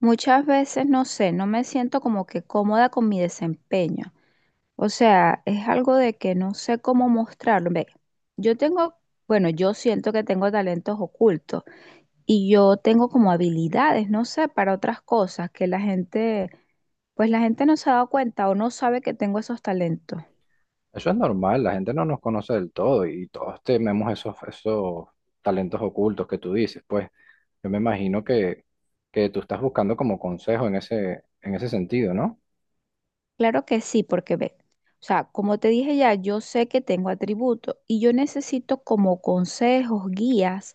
Muchas veces, no sé, no me siento como que cómoda con mi desempeño. O sea, es algo de que no sé cómo mostrarlo. Ve, yo tengo, bueno, yo siento que tengo talentos ocultos y yo tengo como habilidades, no sé, para otras cosas que la gente, pues la gente no se ha dado cuenta o no sabe que tengo esos talentos. Eso es normal, la gente no nos conoce del todo y todos tenemos esos talentos ocultos que tú dices. Pues yo me imagino que tú estás buscando como consejo en en ese sentido, ¿no? Claro que sí, porque ve, o sea, como te dije ya, yo sé que tengo atributos y yo necesito como consejos, guías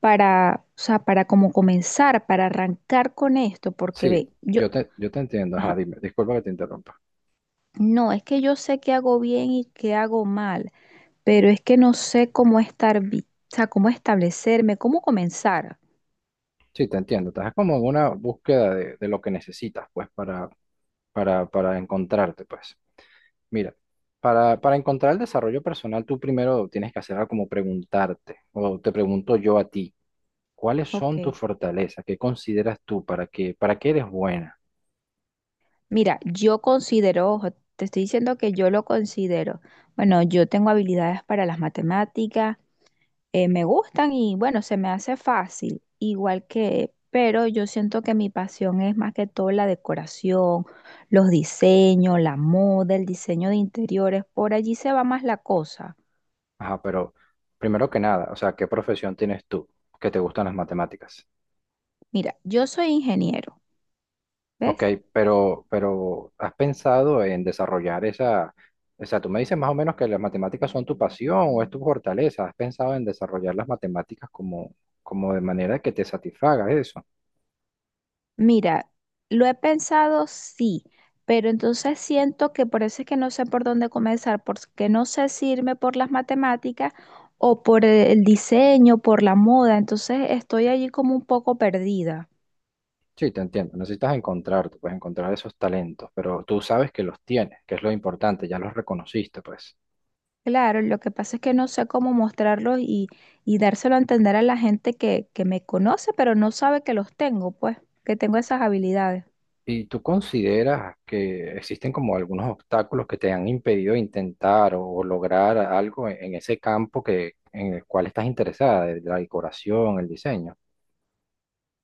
para, o sea, para como comenzar, para arrancar con esto, porque Sí, ve, yo, yo te entiendo. Ajá, ajá, dime, disculpa que te interrumpa. no, es que yo sé qué hago bien y qué hago mal, pero es que no sé cómo estar, o sea, cómo establecerme, cómo comenzar. Sí, te entiendo. Estás como en una búsqueda de lo que necesitas, pues, para encontrarte, pues. Mira, para encontrar el desarrollo personal, tú primero tienes que hacer algo como preguntarte, o te pregunto yo a ti, ¿cuáles son Ok, tus fortalezas? ¿Qué consideras tú? Para qué eres buena? mira, yo considero, ojo, te estoy diciendo que yo lo considero. Bueno, yo tengo habilidades para las matemáticas, me gustan y bueno, se me hace fácil, igual que, pero yo siento que mi pasión es más que todo la decoración, los diseños, la moda, el diseño de interiores, por allí se va más la cosa. Ajá, pero primero que nada, o sea, ¿qué profesión tienes tú? ¿Que te gustan las matemáticas? Mira, yo soy ingeniero, Ok, ¿ves? Pero ¿has pensado en desarrollar esa, o sea, tú me dices más o menos que las matemáticas son tu pasión o es tu fortaleza? ¿Has pensado en desarrollar las matemáticas como de manera que te satisfaga eso? Mira, lo he pensado sí, pero entonces siento que por eso es que no sé por dónde comenzar, porque no sé si irme por las matemáticas o por el diseño, por la moda, entonces estoy allí como un poco perdida. Sí, te entiendo. Necesitas encontrarte, pues encontrar esos talentos, pero tú sabes que los tienes, que es lo importante, ya los reconociste, pues. Claro, lo que pasa es que no sé cómo mostrarlos y dárselo a entender a la gente que me conoce, pero no sabe que los tengo, pues, que tengo esas habilidades. ¿Y tú consideras que existen como algunos obstáculos que te han impedido intentar o lograr algo en ese campo que, en el cual estás interesada, de la decoración, el diseño?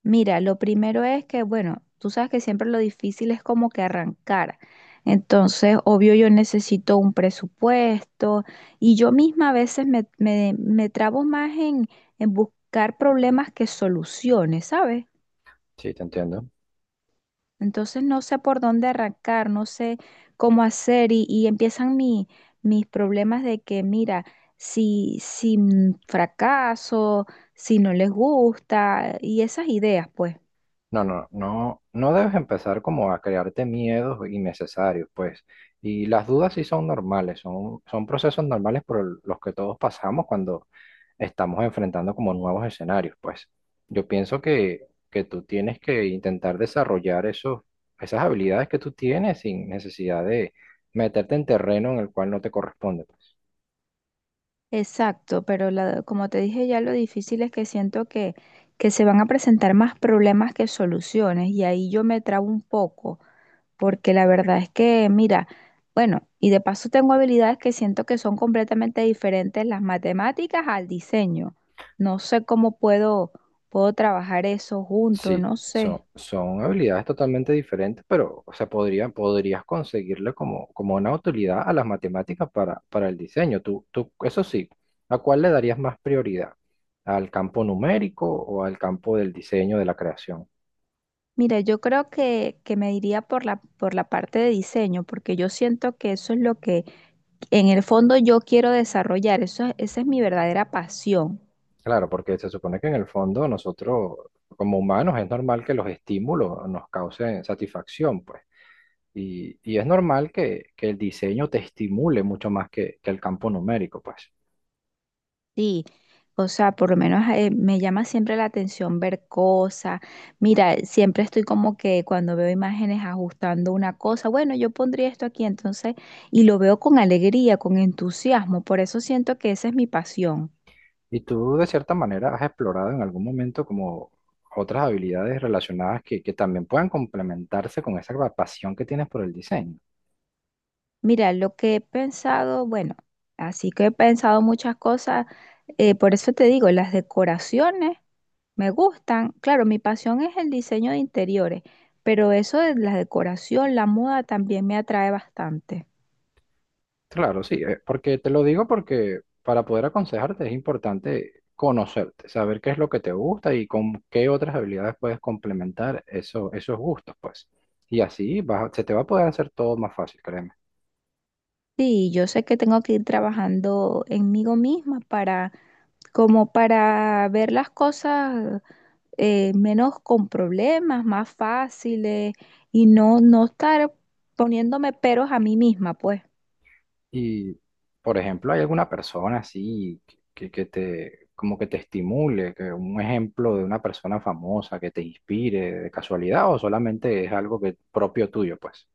Mira, lo primero es que, bueno, tú sabes que siempre lo difícil es como que arrancar. Entonces, obvio, yo necesito un presupuesto y yo misma a veces me trabo más en buscar problemas que soluciones, ¿sabes? Sí, te entiendo. Entonces no sé por dónde arrancar, no sé cómo hacer y empiezan mis problemas de que, mira, si fracaso, si no les gusta y esas ideas, pues. No, no, no, no debes empezar como a crearte miedos innecesarios, pues. Y las dudas sí son normales, son procesos normales por los que todos pasamos cuando estamos enfrentando como nuevos escenarios, pues. Yo pienso que tú tienes que intentar desarrollar esas habilidades que tú tienes sin necesidad de meterte en terreno en el cual no te corresponde, pues. Exacto, pero como te dije ya, lo difícil es que siento que se van a presentar más problemas que soluciones y ahí yo me trabo un poco. Porque la verdad es que, mira, bueno, y de paso tengo habilidades que siento que son completamente diferentes las matemáticas al diseño. No sé cómo puedo, puedo trabajar eso junto, Sí, no sé. Son habilidades totalmente diferentes, pero, o sea, podrías conseguirle como una utilidad a las matemáticas para el diseño. Eso sí, ¿a cuál le darías más prioridad? ¿Al campo numérico o al campo del diseño, de la creación? Mira, yo creo que me iría por la parte de diseño, porque yo siento que eso es lo que en el fondo yo quiero desarrollar, eso, esa es mi verdadera pasión. Claro, porque se supone que en el fondo nosotros, como humanos, es normal que los estímulos nos causen satisfacción, pues. Y es normal que el diseño te estimule mucho más que el campo numérico, pues. Sí, o sea, por lo menos me llama siempre la atención ver cosas. Mira, siempre estoy como que cuando veo imágenes ajustando una cosa, bueno, yo pondría esto aquí entonces, y lo veo con alegría, con entusiasmo, por eso siento que esa es mi pasión. Y tú, de cierta manera, has explorado en algún momento como otras habilidades relacionadas que también puedan complementarse con esa pasión que tienes por el diseño. Mira, lo que he pensado, bueno, así que he pensado muchas cosas, por eso te digo, las decoraciones me gustan. Claro, mi pasión es el diseño de interiores, pero eso de la decoración, la moda también me atrae bastante. Claro, sí, porque te lo digo porque para poder aconsejarte es importante conocerte, saber qué es lo que te gusta y con qué otras habilidades puedes complementar eso, esos gustos, pues. Y así se te va a poder hacer todo más fácil, créeme. Sí, yo sé que tengo que ir trabajando en mí misma para, como para ver las cosas, menos con problemas, más fáciles y no, no estar poniéndome peros a mí misma, pues. Y, por ejemplo, hay alguna persona así que que te, como que te estimule, que un ejemplo de una persona famosa que te inspire de casualidad o solamente es algo que propio tuyo, pues.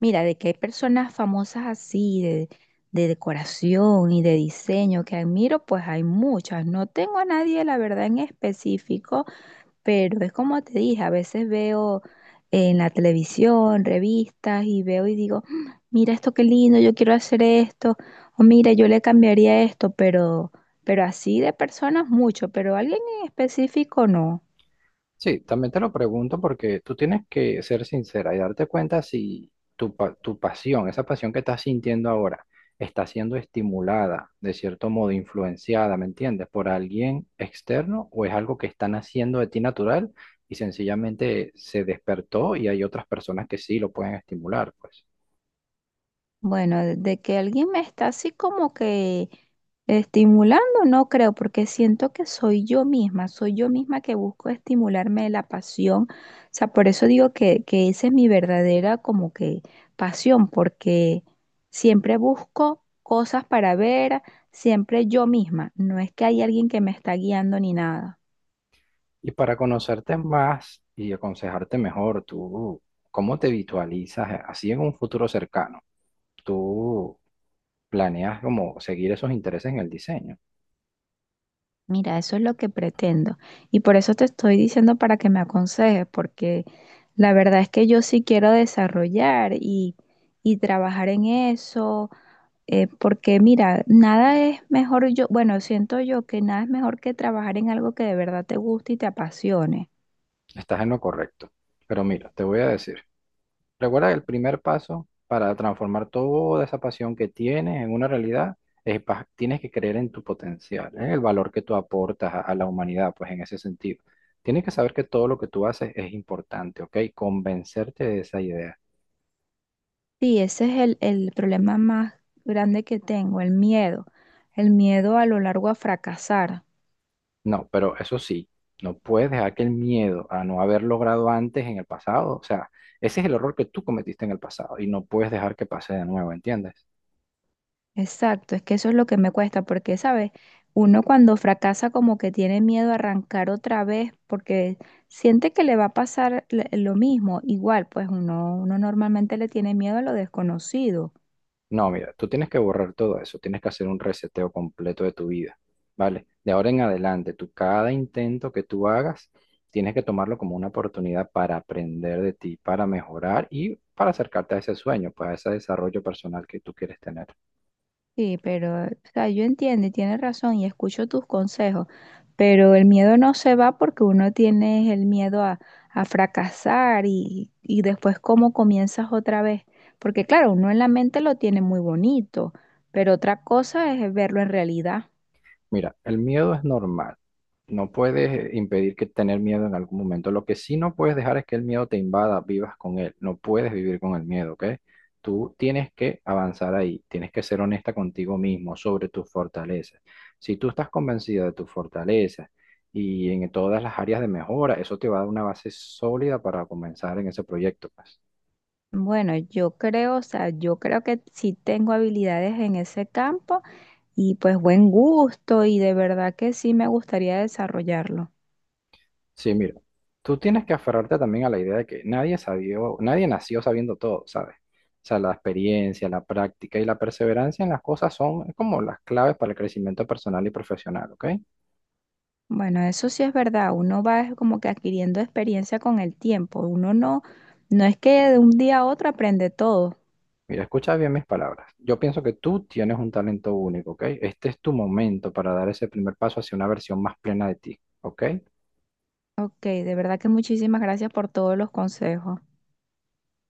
Mira, de que hay personas famosas así, de decoración y de diseño que admiro, pues hay muchas. No tengo a nadie, la verdad, en específico, pero es como te dije, a veces veo en la televisión, revistas y veo y digo, "Mm, mira esto qué lindo, yo quiero hacer esto, o mira, yo le cambiaría esto, pero así de personas mucho, pero alguien en específico no". Sí, también te lo pregunto porque tú tienes que ser sincera y darte cuenta si tu pasión, esa pasión que estás sintiendo ahora, está siendo estimulada, de cierto modo influenciada, ¿me entiendes? Por alguien externo o es algo que están haciendo de ti natural y sencillamente se despertó y hay otras personas que sí lo pueden estimular, pues. Bueno, de que alguien me está así como que estimulando, no creo, porque siento que soy yo misma que busco estimularme la pasión. O sea, por eso digo que esa es mi verdadera como que pasión, porque siempre busco cosas para ver, siempre yo misma. No es que hay alguien que me está guiando ni nada. Y para conocerte más y aconsejarte mejor, tú, ¿cómo te visualizas así en un futuro cercano? ¿Tú planeas como seguir esos intereses en el diseño? Mira, eso es lo que pretendo. Y por eso te estoy diciendo para que me aconsejes, porque... La verdad es que yo sí quiero desarrollar y trabajar en eso, porque mira, nada es mejor yo, bueno, siento yo que nada es mejor que trabajar en algo que de verdad te guste y te apasione. Estás en lo correcto. Pero mira, te voy a decir, recuerda que el primer paso para transformar toda esa pasión que tienes en una realidad es tienes que creer en tu potencial, en el valor que tú aportas a la humanidad, pues en ese sentido. Tienes que saber que todo lo que tú haces es importante, ¿ok? Convencerte de esa idea. Sí, ese es el problema más grande que tengo, el miedo a lo largo a fracasar. No, pero eso sí, no puedes dejar que el miedo a no haber logrado antes en el pasado, o sea, ese es el error que tú cometiste en el pasado y no puedes dejar que pase de nuevo, ¿entiendes? Exacto, es que eso es lo que me cuesta, porque, ¿sabes? Uno cuando fracasa como que tiene miedo a arrancar otra vez porque siente que le va a pasar lo mismo. Igual, pues uno, uno normalmente le tiene miedo a lo desconocido. No, mira, tú tienes que borrar todo eso, tienes que hacer un reseteo completo de tu vida, ¿vale? De ahora en adelante, tú cada intento que tú hagas, tienes que tomarlo como una oportunidad para aprender de ti, para mejorar y para acercarte a ese sueño, pues a ese desarrollo personal que tú quieres tener. Sí, pero, o sea, yo entiendo y tienes razón y escucho tus consejos. Pero el miedo no se va porque uno tiene el miedo a fracasar y después cómo comienzas otra vez. Porque claro, uno en la mente lo tiene muy bonito, pero otra cosa es verlo en realidad. Mira, el miedo es normal. No puedes impedir que tener miedo en algún momento. Lo que sí no puedes dejar es que el miedo te invada, vivas con él. No puedes vivir con el miedo, ¿ok? Tú tienes que avanzar ahí. Tienes que ser honesta contigo mismo sobre tus fortalezas. Si tú estás convencida de tus fortalezas y en todas las áreas de mejora, eso te va a dar una base sólida para comenzar en ese proyecto, pues. Bueno, yo creo, o sea, yo creo que sí tengo habilidades en ese campo y pues buen gusto y de verdad que sí me gustaría desarrollarlo. Sí, mira, tú tienes que aferrarte también a la idea de que nadie sabió, nadie nació sabiendo todo, ¿sabes? O sea, la experiencia, la práctica y la perseverancia en las cosas son como las claves para el crecimiento personal y profesional, ¿ok? Bueno, eso sí es verdad, uno va es como que adquiriendo experiencia con el tiempo, uno no, no es que de un día a otro aprende todo. Mira, escucha bien mis palabras. Yo pienso que tú tienes un talento único, ¿ok? Este es tu momento para dar ese primer paso hacia una versión más plena de ti, ¿ok? Ok, de verdad que muchísimas gracias por todos los consejos.